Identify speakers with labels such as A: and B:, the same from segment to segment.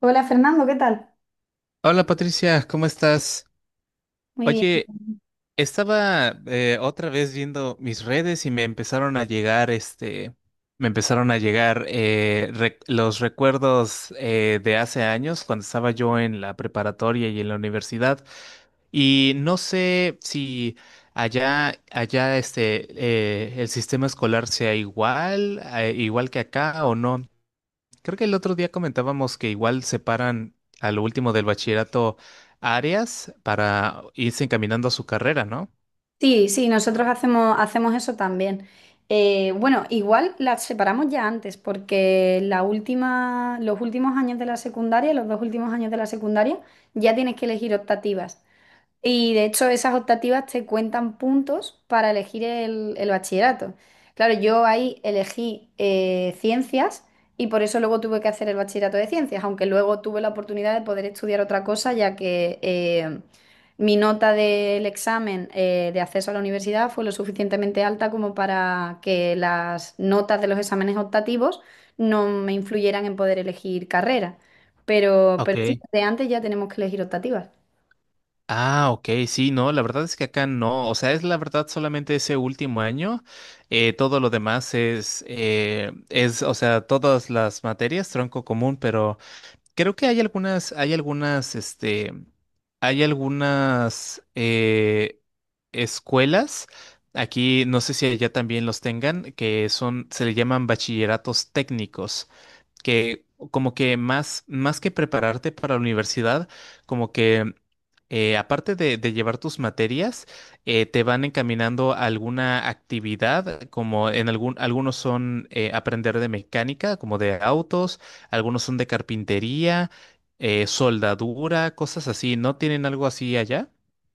A: Hola Fernando, ¿qué tal?
B: Hola Patricia, ¿cómo estás?
A: Muy
B: Oye,
A: bien.
B: estaba otra vez viendo mis redes y me empezaron a llegar los recuerdos de hace años cuando estaba yo en la preparatoria y en la universidad. Y no sé si allá el sistema escolar sea igual, igual que acá o no. Creo que el otro día comentábamos que igual separan a lo último del bachillerato áreas para irse encaminando a su carrera, ¿no?
A: Sí, sí, nosotros hacemos eso también. Bueno, igual las separamos ya antes, porque los últimos años de la secundaria, los dos últimos años de la secundaria, ya tienes que elegir optativas. Y de hecho, esas optativas te cuentan puntos para elegir el bachillerato. Claro, yo ahí elegí ciencias y por eso luego tuve que hacer el bachillerato de ciencias, aunque luego tuve la oportunidad de poder estudiar otra cosa, ya que mi nota del examen de acceso a la universidad fue lo suficientemente alta como para que las notas de los exámenes optativos no me influyeran en poder elegir carrera. Pero,
B: Ok.
A: pero sí, de antes ya tenemos que elegir optativas.
B: Ah, ok, sí, no, la verdad es que acá no, o sea, es la verdad solamente ese último año, todo lo demás es, o sea, todas las materias, tronco común, pero creo que hay algunas escuelas, aquí no sé si allá también los tengan, que son, se le llaman bachilleratos técnicos que como que más que prepararte para la universidad, como que aparte de llevar tus materias, te van encaminando a alguna actividad, como en algún, algunos son aprender de mecánica, como de autos, algunos son de carpintería, soldadura, cosas así. ¿No tienen algo así allá?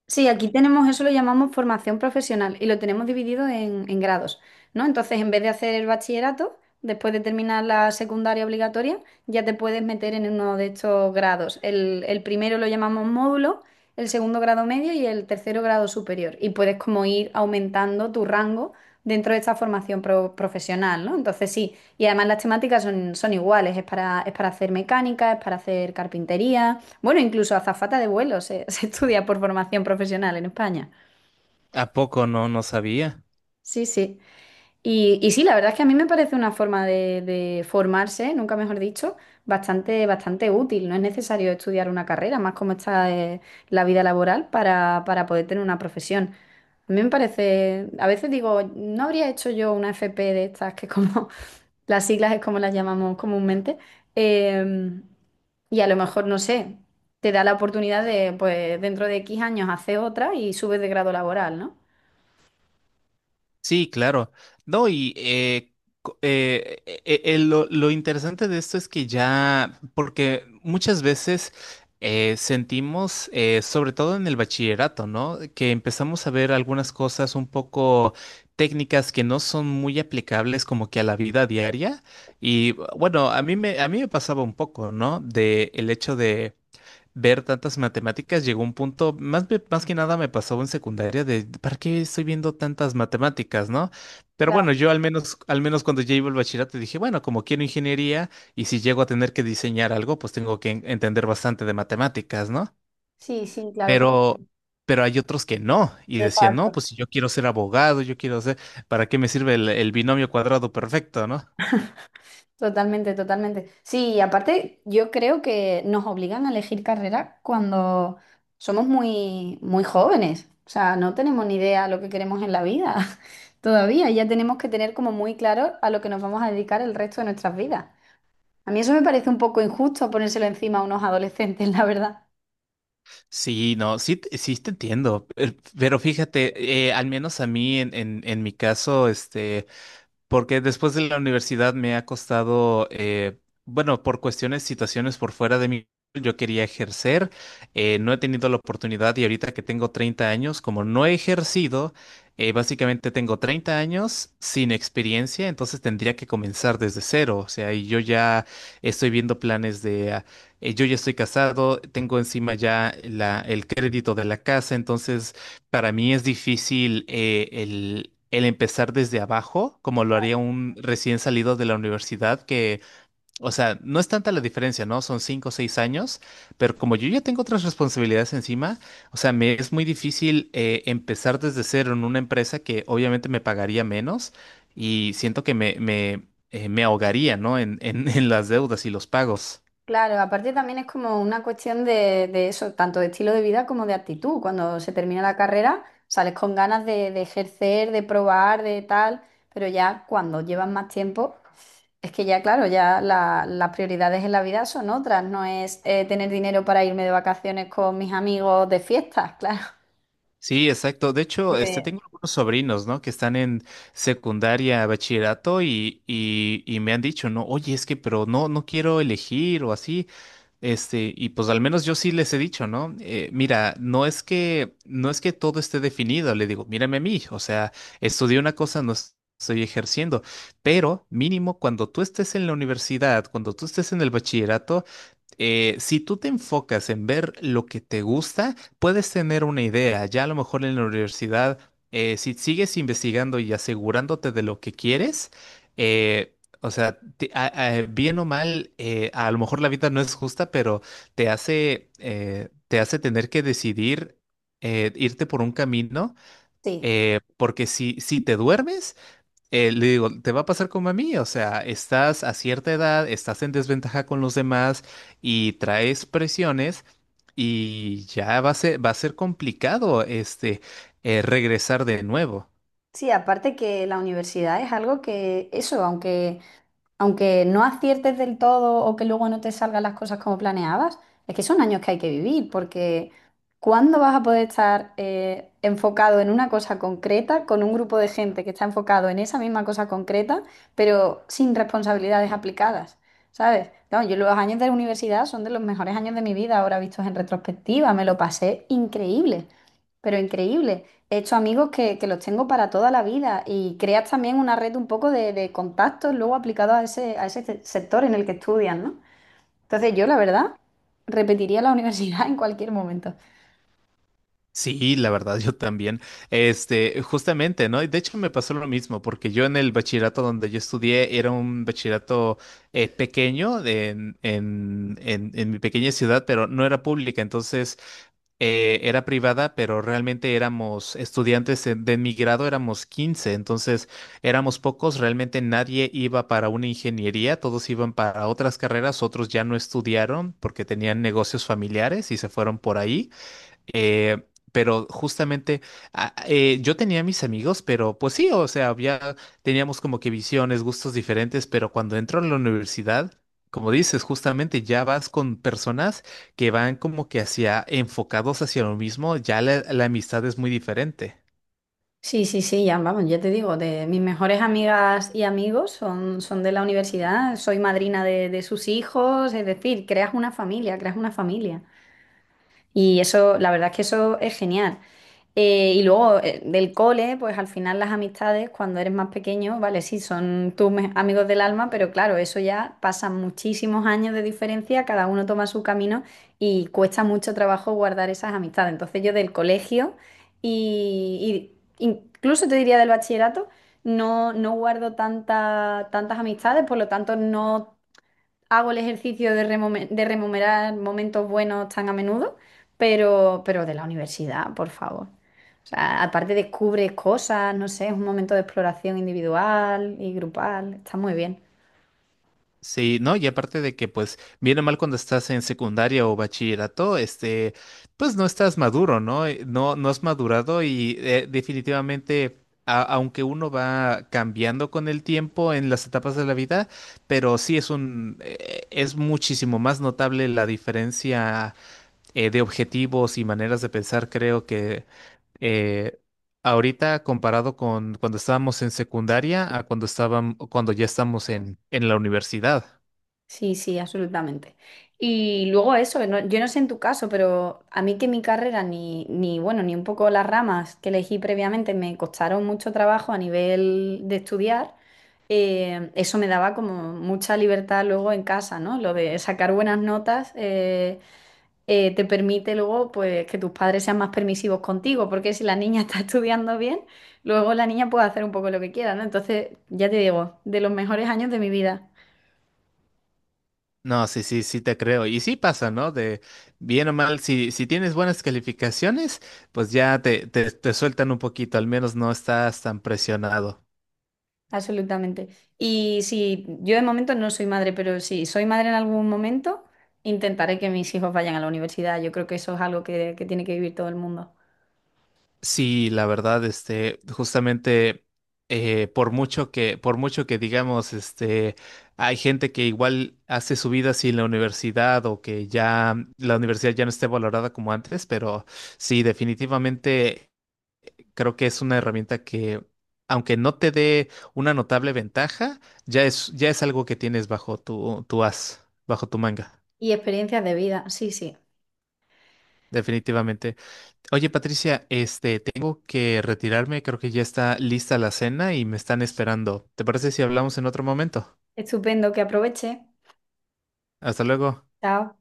A: Sí, aquí tenemos eso, lo llamamos formación profesional y lo tenemos dividido en grados, ¿no? Entonces, en vez de hacer el bachillerato, después de terminar la secundaria obligatoria, ya te puedes meter en uno de estos grados. El primero lo llamamos módulo, el segundo grado medio y el tercero grado superior. Y puedes como ir aumentando tu rango dentro de esta formación profesional, ¿no? Entonces, sí, y además las temáticas son iguales, es para hacer mecánica, es para hacer carpintería. Bueno, incluso azafata de vuelo se estudia por formación profesional en España.
B: ¿A poco no? No sabía.
A: Sí, sí. Y sí, la verdad es que a mí me parece una forma de formarse, nunca mejor dicho, bastante útil. No es necesario estudiar una carrera, más como está la vida laboral para poder tener una profesión. A mí me parece, a veces digo, no habría hecho yo una FP de estas, que como las siglas es como las llamamos comúnmente. Em, y a lo mejor, no sé, te da la oportunidad de, pues, dentro de X años hacer otra y subes de grado laboral, ¿no?
B: Sí, claro. No, y lo interesante de esto es que ya, porque muchas veces sentimos, sobre todo en el bachillerato, ¿no? Que empezamos a ver algunas cosas un poco técnicas que no son muy aplicables como que a la vida diaria. Y bueno, a mí me pasaba un poco, ¿no? De el hecho ver tantas matemáticas, llegó un punto, más que nada me pasó en secundaria de, ¿para qué estoy viendo tantas matemáticas, no? Pero
A: Claro,
B: bueno, al menos cuando ya iba al bachillerato dije, bueno, como quiero ingeniería y si llego a tener que diseñar algo, pues tengo que entender bastante de matemáticas, ¿no?
A: sí, sí, claro, pero...
B: Pero, pero hay otros que no y decían, no,
A: exacto.
B: pues si yo quiero ser abogado, yo quiero ser, ¿para qué me sirve el binomio cuadrado perfecto, no?
A: Totalmente, totalmente. Sí, y aparte yo creo que nos obligan a elegir carrera cuando somos muy jóvenes. O sea, no tenemos ni idea lo que queremos en la vida todavía. Ya tenemos que tener como muy claro a lo que nos vamos a dedicar el resto de nuestras vidas. A mí eso me parece un poco injusto ponérselo encima a unos adolescentes, la verdad.
B: Sí, no, sí, sí te entiendo, pero fíjate, al menos a mí en mi caso, este, porque después de la universidad me ha costado, bueno, por situaciones por fuera de mí, yo quería ejercer, no he tenido la oportunidad y ahorita que tengo 30 años, como no he ejercido, básicamente tengo 30 años sin experiencia, entonces tendría que comenzar desde cero, o sea, y yo ya estoy viendo planes de, yo ya estoy casado, tengo encima el crédito de la casa, entonces... Para mí es difícil el empezar desde abajo, como lo haría un recién salido de la universidad, que, o sea, no es tanta la diferencia, ¿no? Son cinco o seis años, pero como yo ya tengo otras responsabilidades encima, o sea, me es muy difícil empezar desde cero en una empresa que obviamente me pagaría menos y siento que me ahogaría, ¿no? En las deudas y los pagos.
A: Claro, aparte también es como una cuestión de eso, tanto de estilo de vida como de actitud. Cuando se termina la carrera, sales con ganas de ejercer, de probar, de tal, pero ya cuando llevas más tiempo, es que ya, claro, ya las prioridades en la vida son otras. No es tener dinero para irme de vacaciones con mis amigos de fiestas, claro.
B: Sí, exacto. De hecho, este,
A: Porque
B: tengo algunos sobrinos, ¿no? Que están en secundaria, bachillerato y me han dicho, no, oye, es que, pero no quiero elegir o así. Este, y pues al menos yo sí les he dicho, ¿no? Mira, no es que todo esté definido. Le digo, mírame a mí. O sea, estudié una cosa, no es- estoy ejerciendo, pero mínimo cuando tú estés en la universidad, cuando tú estés en el bachillerato, si tú te enfocas en ver lo que te gusta, puedes tener una idea. Ya a lo mejor en la universidad, si sigues investigando y asegurándote de lo que quieres, eh, o sea, bien o mal, a lo mejor la vida no es justa, pero te te hace tener que decidir irte por un camino,
A: sí,
B: porque si te duermes, le digo, te va a pasar como a mí, o sea, estás a cierta edad, estás en desventaja con los demás y traes presiones y ya va a va a ser complicado este regresar de nuevo.
A: sí, aparte que la universidad es algo que, eso, aunque no aciertes del todo o que luego no te salgan las cosas como planeabas, es que son años que hay que vivir, porque ¿cuándo vas a poder estar enfocado en una cosa concreta con un grupo de gente que está enfocado en esa misma cosa concreta, pero sin responsabilidades aplicadas? ¿Sabes? No, yo los años de la universidad son de los mejores años de mi vida, ahora vistos en retrospectiva, me lo pasé increíble. Pero increíble. He hecho amigos que los tengo para toda la vida y creas también una red un poco de contactos luego aplicados a ese sector en el que estudias, ¿no? Entonces yo, la verdad, repetiría la universidad en cualquier momento.
B: Sí, la verdad, yo también. Este, justamente, ¿no? Y de hecho, me pasó lo mismo, porque yo en el bachillerato donde yo estudié era un bachillerato pequeño en mi pequeña ciudad, pero no era pública, entonces era privada, pero realmente éramos estudiantes de mi grado, éramos 15, entonces éramos pocos, realmente nadie iba para una ingeniería, todos iban para otras carreras, otros ya no estudiaron porque tenían negocios familiares y se fueron por ahí. Eh, pero justamente yo tenía mis amigos, pero pues sí, o sea, había, teníamos como que visiones, gustos diferentes, pero cuando entro a la universidad, como dices, justamente ya vas con personas que van como que hacia enfocados hacia lo mismo, ya la amistad es muy diferente.
A: Sí, sí, sí, ya vamos, ya te digo, de mis mejores amigas y amigos son de la universidad, soy madrina de sus hijos, es decir, creas una familia, creas una familia. Y eso, la verdad es que eso es genial. Y luego del cole, pues al final las amistades, cuando eres más pequeño, vale, sí, son tus amigos del alma, pero claro, eso ya pasan muchísimos años de diferencia, cada uno toma su camino y cuesta mucho trabajo guardar esas amistades. Entonces yo del colegio y, y incluso te diría del bachillerato, no, no guardo tantas amistades, por lo tanto no hago el ejercicio de, de rememorar momentos buenos tan a menudo, pero de la universidad, por favor. O sea, aparte descubres cosas, no sé, es un momento de exploración individual y grupal, está muy bien.
B: Sí, ¿no? Y aparte de que, pues, viene mal cuando estás en secundaria o bachillerato, este, pues no estás maduro, ¿no? No has madurado y definitivamente, aunque uno va cambiando con el tiempo en las etapas de la vida, pero sí es es muchísimo más notable la diferencia de objetivos y maneras de pensar, creo que eh, ahorita comparado con cuando estábamos en secundaria a cuando cuando ya estamos en la universidad.
A: Sí, sí, absolutamente. Y luego eso, no- yo no sé en tu caso, pero a mí que mi carrera ni, ni, bueno, ni un poco las ramas que elegí previamente me costaron mucho trabajo a nivel de estudiar, eso me daba como mucha libertad luego en casa, ¿no? Lo de sacar buenas notas te permite luego pues que tus padres sean más permisivos contigo, porque si la niña está estudiando bien, luego la niña puede hacer un poco lo que quiera, ¿no? Entonces, ya te digo, de los mejores años de mi vida.
B: No, sí te creo. Y sí pasa, ¿no? De bien o mal, si tienes buenas calificaciones, pues ya te sueltan un poquito, al menos no estás tan presionado.
A: Absolutamente. Y si yo de momento no soy madre, pero si soy madre en algún momento, intentaré que mis hijos vayan a la universidad. Yo creo que eso es algo que tiene que vivir todo el mundo.
B: Sí, la verdad, este, justamente por por mucho que digamos, este, hay gente que igual hace su vida sin la universidad o que ya la universidad ya no esté valorada como antes, pero sí, definitivamente. Creo que es una herramienta que, aunque no te dé una notable ventaja, ya es algo que tienes bajo tu as, bajo tu manga,
A: Y experiencias de vida, sí, sí.
B: definitivamente. Oye, Patricia, este, tengo que retirarme, creo que ya está lista la cena y me están esperando. ¿Te parece si hablamos en otro momento?
A: Estupendo, que aproveche.
B: Hasta luego.
A: Chao.